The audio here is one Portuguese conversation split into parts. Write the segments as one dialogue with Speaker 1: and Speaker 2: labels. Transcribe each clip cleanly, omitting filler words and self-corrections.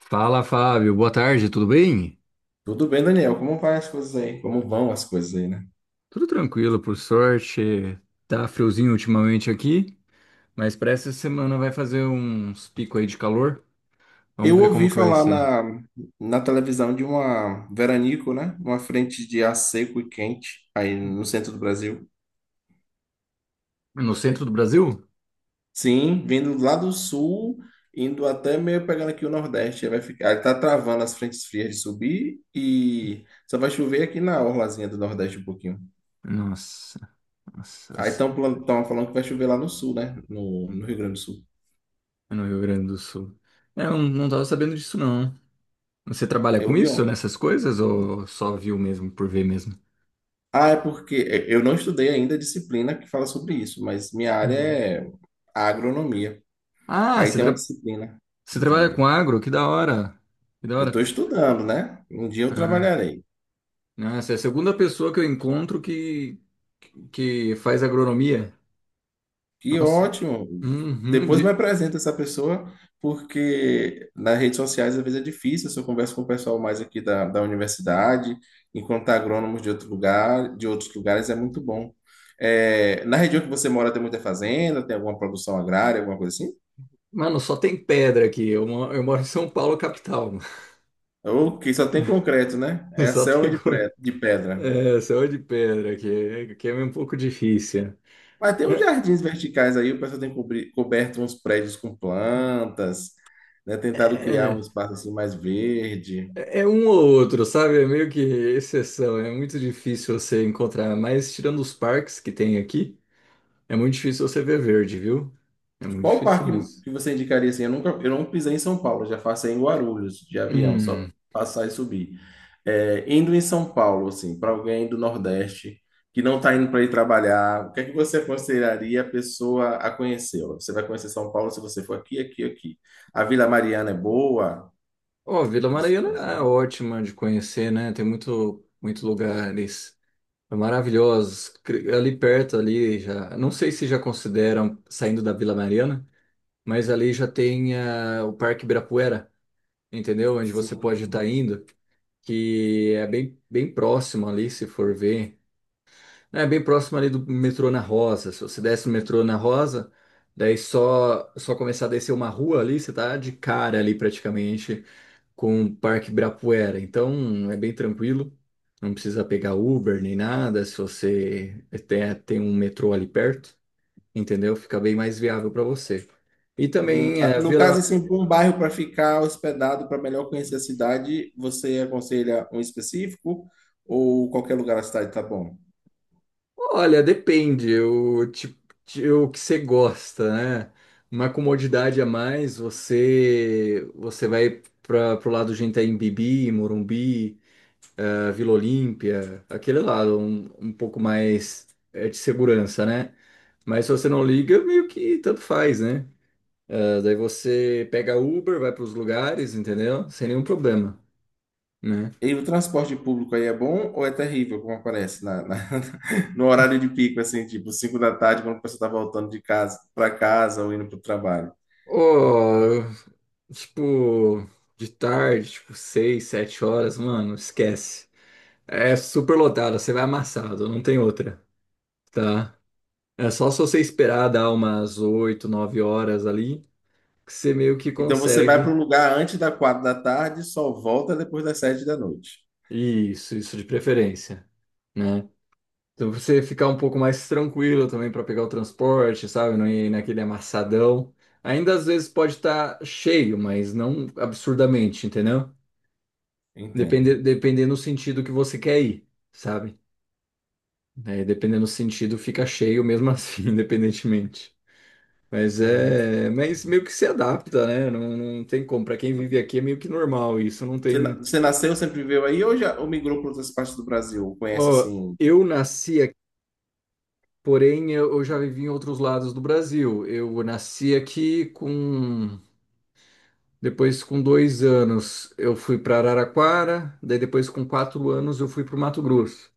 Speaker 1: Fala, Fábio. Boa tarde, tudo bem?
Speaker 2: Tudo bem, Daniel? Como vai as coisas aí? Como vão as coisas aí, né?
Speaker 1: Tudo tranquilo, por sorte. Tá friozinho ultimamente aqui, mas para essa semana vai fazer uns picos aí de calor.
Speaker 2: Eu
Speaker 1: Vamos ver como
Speaker 2: ouvi
Speaker 1: que vai
Speaker 2: falar
Speaker 1: ser.
Speaker 2: na televisão de uma veranico, né? Uma frente de ar seco e quente aí
Speaker 1: É.
Speaker 2: no centro do Brasil.
Speaker 1: No centro do Brasil?
Speaker 2: Sim, vindo lá do sul, indo até meio pegando aqui o Nordeste. Aí vai ficar, aí tá travando as frentes frias de subir e só vai chover aqui na orlazinha do Nordeste um pouquinho.
Speaker 1: Nossa, nossa. vai
Speaker 2: Aí
Speaker 1: ser-
Speaker 2: estão falando que vai chover lá no sul, né? No Rio Grande do Sul.
Speaker 1: é no Rio Grande do Sul. É, eu não tava sabendo disso, não. Você trabalha
Speaker 2: Eu
Speaker 1: com
Speaker 2: ouvi ó.
Speaker 1: isso, nessas coisas, ou só viu mesmo, por ver mesmo?
Speaker 2: Ah, é porque é, eu não estudei ainda a disciplina que fala sobre isso, mas minha área
Speaker 1: Uhum.
Speaker 2: é a agronomia.
Speaker 1: Ah,
Speaker 2: Aí
Speaker 1: você,
Speaker 2: tem uma
Speaker 1: tra-
Speaker 2: disciplina
Speaker 1: você trabalha com
Speaker 2: de.
Speaker 1: agro? Que da hora. Que da
Speaker 2: Eu
Speaker 1: hora.
Speaker 2: estou estudando, né? Um dia eu
Speaker 1: Ah.
Speaker 2: trabalharei.
Speaker 1: Nossa, é a segunda pessoa que eu encontro que faz agronomia.
Speaker 2: Que
Speaker 1: Nossa.
Speaker 2: ótimo!
Speaker 1: Uhum,
Speaker 2: Depois me
Speaker 1: de-
Speaker 2: apresenta essa pessoa, porque nas redes sociais às vezes é difícil. Se eu converso com o pessoal mais aqui da universidade, enquanto agrônomos de outro lugar, de outros lugares, é muito bom. É, na região que você mora tem muita fazenda, tem alguma produção agrária, alguma coisa assim?
Speaker 1: Mano, só tem pedra aqui. Eu moro em São Paulo, capital.
Speaker 2: Ou que só tem concreto, né? É a
Speaker 1: Só
Speaker 2: selva
Speaker 1: tem co-
Speaker 2: de pedra.
Speaker 1: só de pedra aqui, que é um pouco difícil.
Speaker 2: Mas tem uns
Speaker 1: É,
Speaker 2: jardins verticais aí, o pessoal tem coberto uns prédios com plantas, né? Tentado criar um
Speaker 1: é,
Speaker 2: espaço assim mais verde.
Speaker 1: é um ou outro, sabe? É meio que exceção. É muito difícil você encontrar. Mas tirando os parques que tem aqui, é muito difícil você ver verde, viu? É muito
Speaker 2: Qual
Speaker 1: difícil
Speaker 2: parque
Speaker 1: mesmo.
Speaker 2: que você indicaria assim? Eu não pisei em São Paulo, já passei em Guarulhos de avião, só
Speaker 1: Hum.
Speaker 2: passar e subir. É, indo em São Paulo, assim, para alguém do Nordeste que não está indo para ir trabalhar, o que é que você aconselharia a pessoa a conhecer? Ó, você vai conhecer São Paulo se você for aqui, aqui, aqui. A Vila Mariana é boa
Speaker 1: Ó, Vila
Speaker 2: de se
Speaker 1: Mariana é
Speaker 2: conhecer?
Speaker 1: ótima de conhecer, né? Tem muito, muito lugares maravilhosos. Ali perto, ali já. Não sei se já consideram saindo da Vila Mariana, mas ali já tem o Parque Ibirapuera, entendeu? Onde você pode
Speaker 2: Sim.
Speaker 1: estar indo, que é bem, bem próximo ali, se for ver. É bem próximo ali do metrô na Rosa. Se você desce no metrô na Rosa, daí só começar a descer uma rua ali, você tá de cara ali praticamente com o Parque Ibirapuera. Então é bem tranquilo, não precisa pegar Uber nem nada. Se você tem um metrô ali perto, entendeu? Fica bem mais viável para você. E também é, a
Speaker 2: No caso,
Speaker 1: Vila.
Speaker 2: assim, para um bairro para ficar hospedado, para melhor conhecer a cidade, você aconselha um específico ou qualquer lugar da cidade tá bom?
Speaker 1: Olha, depende o tipo, o que você gosta, né? Uma comodidade a mais, você vai para pro lado de Itaim Bibi, Morumbi, a Vila Olímpia, aquele lado, um pouco mais de segurança, né? Mas se você não liga, meio que tanto faz, né? Ah, daí você pega Uber, vai para os lugares, entendeu? Sem nenhum problema, né?
Speaker 2: E o transporte público aí é bom ou é terrível, como aparece no horário de pico, assim, tipo 5 da tarde, quando a pessoa está voltando de casa para casa ou indo para o trabalho?
Speaker 1: Oh, tipo, de tarde, tipo, seis, sete horas, mano, esquece. É super lotado, você vai amassado, não tem outra, tá? É só se você esperar dar umas oito, nove horas ali, que você meio que
Speaker 2: Então você vai para o
Speaker 1: consegue.
Speaker 2: lugar antes das 4 da tarde, só volta depois das sete da noite.
Speaker 1: Isso de preferência, né? Então você ficar um pouco mais tranquilo também para pegar o transporte, sabe? Não ir naquele amassadão. Ainda às vezes pode estar cheio, mas não absurdamente, entendeu?
Speaker 2: Entendo.
Speaker 1: Depende, dependendo do sentido que você quer ir, sabe? É, dependendo do sentido, fica cheio mesmo assim, independentemente. Mas
Speaker 2: É.
Speaker 1: é, mas meio que se adapta, né? Não, não tem como. Para quem vive aqui é meio que normal isso. Não
Speaker 2: Você, na-
Speaker 1: tem.
Speaker 2: você nasceu, sempre viveu aí ou já ou migrou para outras partes do Brasil? Conhece,
Speaker 1: Ó,
Speaker 2: assim,
Speaker 1: eu nasci. Porém, eu já vivi em outros lados do Brasil. Eu nasci aqui com. Depois, com 2 anos, eu fui para Araraquara. Daí, depois, com 4 anos, eu fui para o Mato Grosso.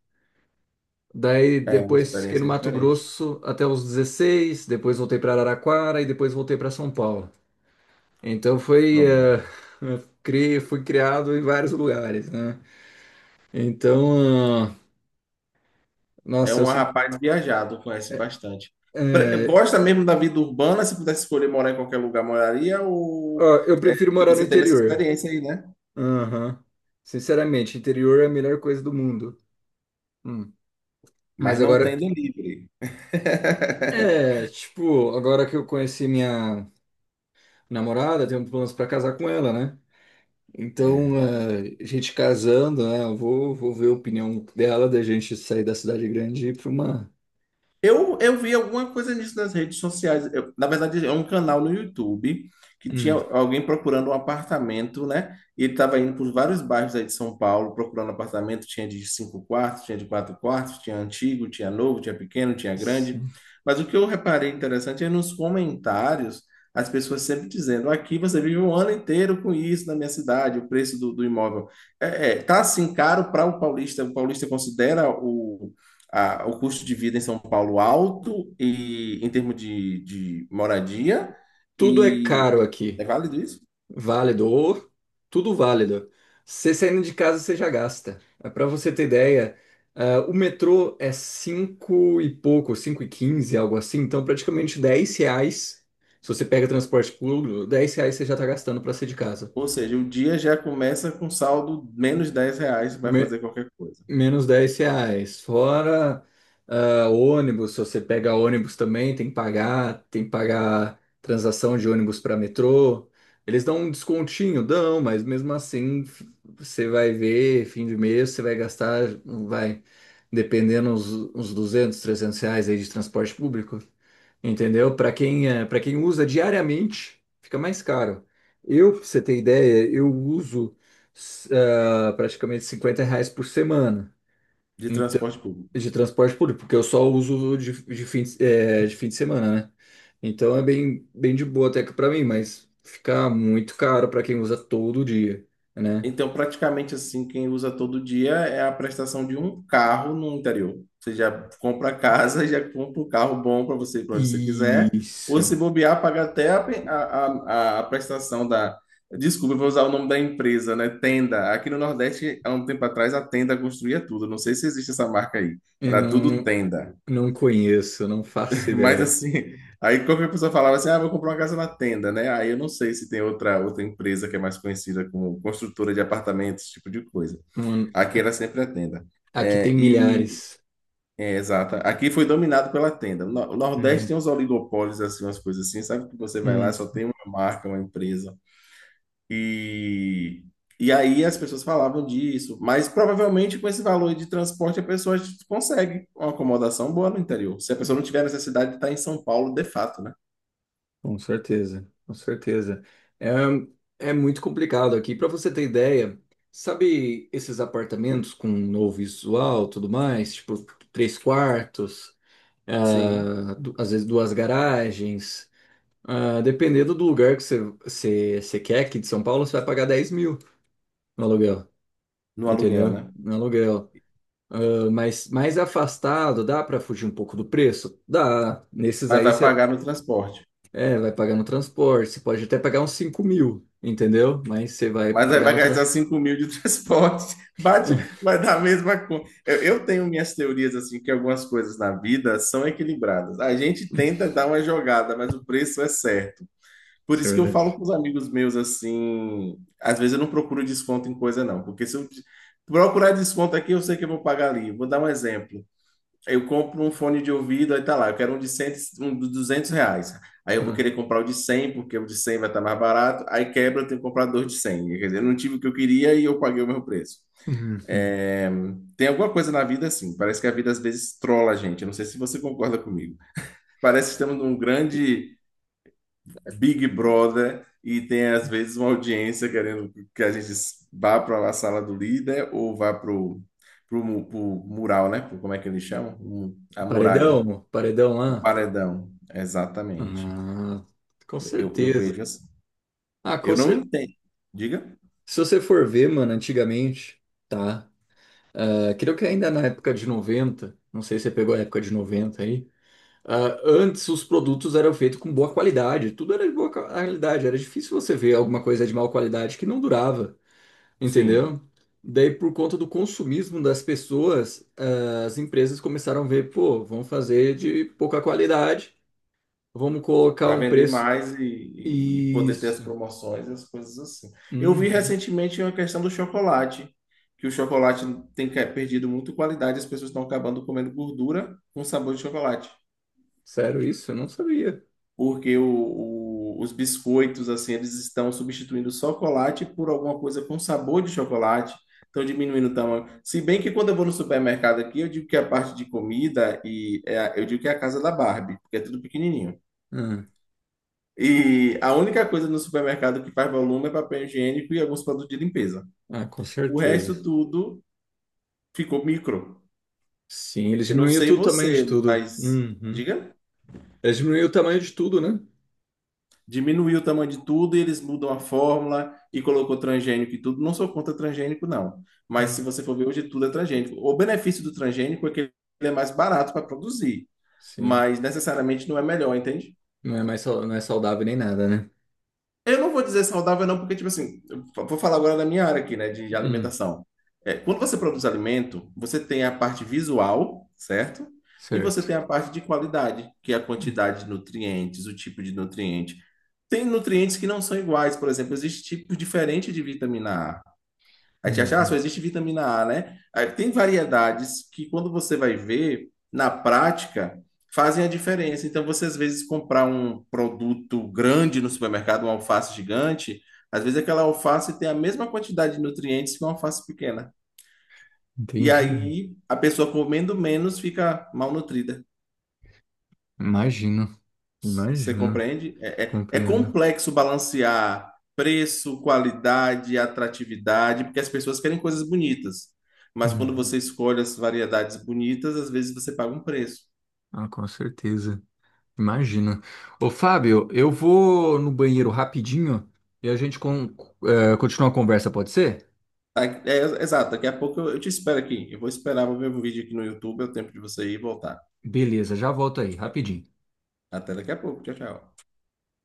Speaker 1: Daí,
Speaker 2: é uma
Speaker 1: depois, fiquei no
Speaker 2: experiência
Speaker 1: Mato
Speaker 2: diferente.
Speaker 1: Grosso até os 16. Depois, voltei para Araraquara e depois voltei para São Paulo. Então, foi.
Speaker 2: Pronto.
Speaker 1: eh, Eu fui criado em vários lugares, né? Então,
Speaker 2: É
Speaker 1: nossa, eu
Speaker 2: um
Speaker 1: sinto.
Speaker 2: rapaz viajado, conhece
Speaker 1: É,
Speaker 2: bastante.
Speaker 1: é,
Speaker 2: Gosta mesmo da vida urbana? Se pudesse escolher morar em qualquer lugar, moraria? Ou
Speaker 1: ó, eu
Speaker 2: é,
Speaker 1: prefiro morar
Speaker 2: porque
Speaker 1: no
Speaker 2: você teve essa
Speaker 1: interior.
Speaker 2: experiência aí, né?
Speaker 1: Aham. Sinceramente, interior é a melhor coisa do mundo. Hum.
Speaker 2: Mas
Speaker 1: Mas
Speaker 2: não
Speaker 1: agora,
Speaker 2: tendo livre.
Speaker 1: tipo, agora que eu conheci minha namorada, tenho planos pra casar com ela, né? Então, a gente casando, né? Eu vou ver a opinião dela da gente sair da cidade grande e ir pra uma.
Speaker 2: Eu vi alguma coisa nisso nas redes sociais. Na verdade, é um canal no YouTube que tinha
Speaker 1: Hum.
Speaker 2: alguém procurando um apartamento, né? E ele estava indo por vários bairros aí de São Paulo procurando apartamento. Tinha de cinco quartos, tinha de quatro quartos, tinha antigo, tinha novo, tinha pequeno, tinha grande.
Speaker 1: Sim.
Speaker 2: Mas o que eu reparei interessante é nos comentários as pessoas sempre dizendo: aqui você vive um ano inteiro com isso na minha cidade, o preço do imóvel. É, tá assim caro para o paulista. O paulista considera o custo de vida em São Paulo alto e em termos de moradia.
Speaker 1: Tudo é
Speaker 2: E
Speaker 1: caro
Speaker 2: é
Speaker 1: aqui.
Speaker 2: válido isso?
Speaker 1: Válido, ou tudo válido. Você saindo de casa, você já gasta. Para você ter ideia, o metrô é 5 e pouco, 5,15, algo assim, então praticamente R$ 10. Se você pega transporte público, R$ 10 você já está gastando para sair de casa.
Speaker 2: Ou seja, o dia já começa com saldo menos R$ 10, vai fazer qualquer coisa
Speaker 1: Menos R$ 10. Fora ônibus, se você pega ônibus também, tem que pagar transação de ônibus para metrô. Eles dão um descontinho, dão, mas mesmo assim você vai ver, fim de mês, você vai gastar, vai, dependendo uns R$ 200, R$ 300 aí de transporte público. Entendeu? Para quem usa diariamente, fica mais caro. Eu, pra você ter ideia, eu uso praticamente R$ 50 por semana.
Speaker 2: de
Speaker 1: Então,
Speaker 2: transporte público.
Speaker 1: de transporte público, porque eu só uso de fim de semana, né? Então é bem, bem de boa até que pra mim, mas fica muito caro pra quem usa todo dia, né?
Speaker 2: Então, praticamente assim, quem usa todo dia é a prestação de um carro no interior. Você já compra a casa, já compra um carro bom para você ir para onde você quiser, ou se
Speaker 1: Isso.
Speaker 2: bobear, paga até a, pe- a prestação da. Desculpa, eu vou usar o nome da empresa, né? Tenda. Aqui no Nordeste, há um tempo atrás, a Tenda construía tudo. Não sei se existe essa marca aí.
Speaker 1: Eu
Speaker 2: Era
Speaker 1: não,
Speaker 2: tudo
Speaker 1: não,
Speaker 2: Tenda.
Speaker 1: não conheço, não faço
Speaker 2: Mas
Speaker 1: ideia.
Speaker 2: assim, aí qualquer pessoa falava assim: ah, vou comprar uma casa na Tenda, né? Aí eu não sei se tem outra empresa que é mais conhecida como construtora de apartamentos, esse tipo de coisa.
Speaker 1: Hum,
Speaker 2: Aqui era sempre a tenda.
Speaker 1: aqui
Speaker 2: É,
Speaker 1: tem
Speaker 2: e
Speaker 1: milhares.
Speaker 2: é, exato. Aqui foi dominado pela tenda. O No- O Nordeste
Speaker 1: Hum,
Speaker 2: tem uns oligopólios, assim, umas coisas assim, sabe? Que você vai lá, e
Speaker 1: hum.
Speaker 2: só tem uma marca, uma empresa. E, e aí as pessoas falavam disso. Mas provavelmente com esse valor de transporte a pessoa consegue uma acomodação boa no interior. Se a pessoa não tiver necessidade de estar em São Paulo, de fato, né?
Speaker 1: Com certeza, com certeza. É, é muito complicado aqui. Para você ter ideia, sabe esses apartamentos com novo visual, tudo mais, tipo três quartos,
Speaker 2: Sim,
Speaker 1: às vezes duas garagens. Ah, dependendo do lugar que você quer aqui de São Paulo, você vai pagar 10.000 no aluguel,
Speaker 2: no aluguel,
Speaker 1: entendeu?
Speaker 2: né?
Speaker 1: No aluguel. Ah, mas mais afastado, dá para fugir um pouco do preço? Dá. Nesses
Speaker 2: Mas
Speaker 1: aí.
Speaker 2: vai pagar no transporte.
Speaker 1: É, vai pagar no transporte, você pode até pagar uns 5.000, entendeu? Mas você vai
Speaker 2: Mas aí
Speaker 1: pagar
Speaker 2: vai
Speaker 1: no
Speaker 2: gastar
Speaker 1: transporte.
Speaker 2: 5 mil de transporte, bate, vai dar a mesma coisa. Eu tenho minhas teorias, assim, que algumas coisas na vida são equilibradas. A gente tenta dar uma jogada, mas o preço é certo. Por
Speaker 1: Isso é
Speaker 2: isso que eu falo
Speaker 1: verdade.
Speaker 2: com os amigos meus, assim, às vezes eu não procuro desconto em coisa, não. Porque se eu procurar desconto aqui, eu sei que eu vou pagar ali. Vou dar um exemplo. Eu compro um fone de ouvido, aí tá lá, eu quero um de 100, um de R$ 200. Aí eu vou
Speaker 1: Ah.
Speaker 2: querer comprar o de 100 porque o de 100 vai estar mais barato. Aí quebra, eu tenho que comprar dois de 100. Quer dizer, eu não tive o que eu queria e eu paguei o meu preço.
Speaker 1: Uhum.
Speaker 2: É, tem alguma coisa na vida assim, parece que a vida às vezes trola a gente. Eu não sei se você concorda comigo. Parece que estamos num grande Big Brother e tem às vezes uma audiência querendo que a gente vá para a sala do líder ou vá para o mural, né? Como é que eles chamam? A muralha.
Speaker 1: Paredão, paredão
Speaker 2: O
Speaker 1: lá?
Speaker 2: paredão, exatamente.
Speaker 1: Ah, com
Speaker 2: Eu
Speaker 1: certeza.
Speaker 2: vejo assim.
Speaker 1: Ah,
Speaker 2: Eu
Speaker 1: com
Speaker 2: não
Speaker 1: certeza.
Speaker 2: entendo. Diga?
Speaker 1: Se você for ver, mano, antigamente, tá? Ah, creio que ainda na época de 90, não sei se você pegou a época de 90 aí. Antes os produtos eram feitos com boa qualidade, tudo era de boa qualidade, era difícil você ver alguma coisa de má qualidade que não durava.
Speaker 2: Sim.
Speaker 1: Entendeu? Daí, por conta do consumismo das pessoas, as empresas começaram a ver, pô, vamos fazer de pouca qualidade, vamos colocar
Speaker 2: Para
Speaker 1: um
Speaker 2: vender
Speaker 1: preço.
Speaker 2: mais e, e poder ter as
Speaker 1: Isso.
Speaker 2: promoções e as coisas assim. Eu vi
Speaker 1: Uhum.
Speaker 2: recentemente uma questão do chocolate, que o chocolate tem perdido muito qualidade, as pessoas estão acabando comendo gordura com sabor de chocolate.
Speaker 1: Sério isso? Eu não sabia.
Speaker 2: Porque os biscoitos, assim, eles estão substituindo o chocolate por alguma coisa com sabor de chocolate, estão diminuindo o tamanho. Se bem que quando eu vou no supermercado aqui, eu digo que a parte de comida eu digo que é a casa da Barbie, porque é tudo pequenininho.
Speaker 1: Ah,
Speaker 2: E a única coisa no supermercado que faz volume é papel higiênico e alguns produtos de limpeza.
Speaker 1: Ah, com
Speaker 2: O
Speaker 1: certeza.
Speaker 2: resto tudo ficou micro.
Speaker 1: Sim, eles
Speaker 2: Eu não
Speaker 1: diminuíram
Speaker 2: sei
Speaker 1: tudo, o tamanho de
Speaker 2: você,
Speaker 1: tudo.
Speaker 2: mas
Speaker 1: Uhum.
Speaker 2: diga.
Speaker 1: Eles diminuíram o tamanho de tudo, né?
Speaker 2: Diminuiu o tamanho de tudo e eles mudam a fórmula e colocou transgênico e tudo. Não sou contra transgênico, não. Mas
Speaker 1: Hum,
Speaker 2: se você for ver, hoje tudo é transgênico. O benefício do transgênico é que ele é mais barato para produzir,
Speaker 1: sim.
Speaker 2: mas necessariamente não é melhor, entende?
Speaker 1: Não é mais, não é saudável nem nada, né?
Speaker 2: Eu não vou dizer saudável, não, porque, tipo assim, vou falar agora da minha área aqui, né, de
Speaker 1: Hum,
Speaker 2: alimentação. É, quando você produz alimento, você tem a parte visual, certo? E você
Speaker 1: certo.
Speaker 2: tem a parte de qualidade, que é a
Speaker 1: Hum,
Speaker 2: quantidade de nutrientes, o tipo de nutriente. Tem nutrientes que não são iguais, por exemplo, existe tipo diferente de vitamina A. A gente acha, ah,
Speaker 1: uhum.
Speaker 2: só existe vitamina A, né? Aí tem variedades que, quando você vai ver, na prática, fazem a diferença. Então, você às vezes comprar um produto grande no supermercado, uma alface gigante, às vezes aquela alface tem a mesma quantidade de nutrientes que uma alface pequena. E
Speaker 1: Entendi.
Speaker 2: aí, a pessoa comendo menos fica malnutrida.
Speaker 1: Imagino,
Speaker 2: Você
Speaker 1: imagino,
Speaker 2: compreende? É
Speaker 1: compreendo.
Speaker 2: complexo balancear preço, qualidade, atratividade, porque as pessoas querem coisas bonitas. Mas quando
Speaker 1: Uhum.
Speaker 2: você escolhe as variedades bonitas, às vezes você paga um preço.
Speaker 1: Ah, com certeza. Imagina. Ô, Fábio, eu vou no banheiro rapidinho e a gente continua a conversa, pode ser?
Speaker 2: Tá? É, exato, daqui a pouco eu te espero aqui. Eu vou esperar, vou ver um vídeo aqui no YouTube, é o tempo de você ir e voltar.
Speaker 1: Beleza, já volto aí, rapidinho.
Speaker 2: Até daqui a pouco. Tchau, tchau.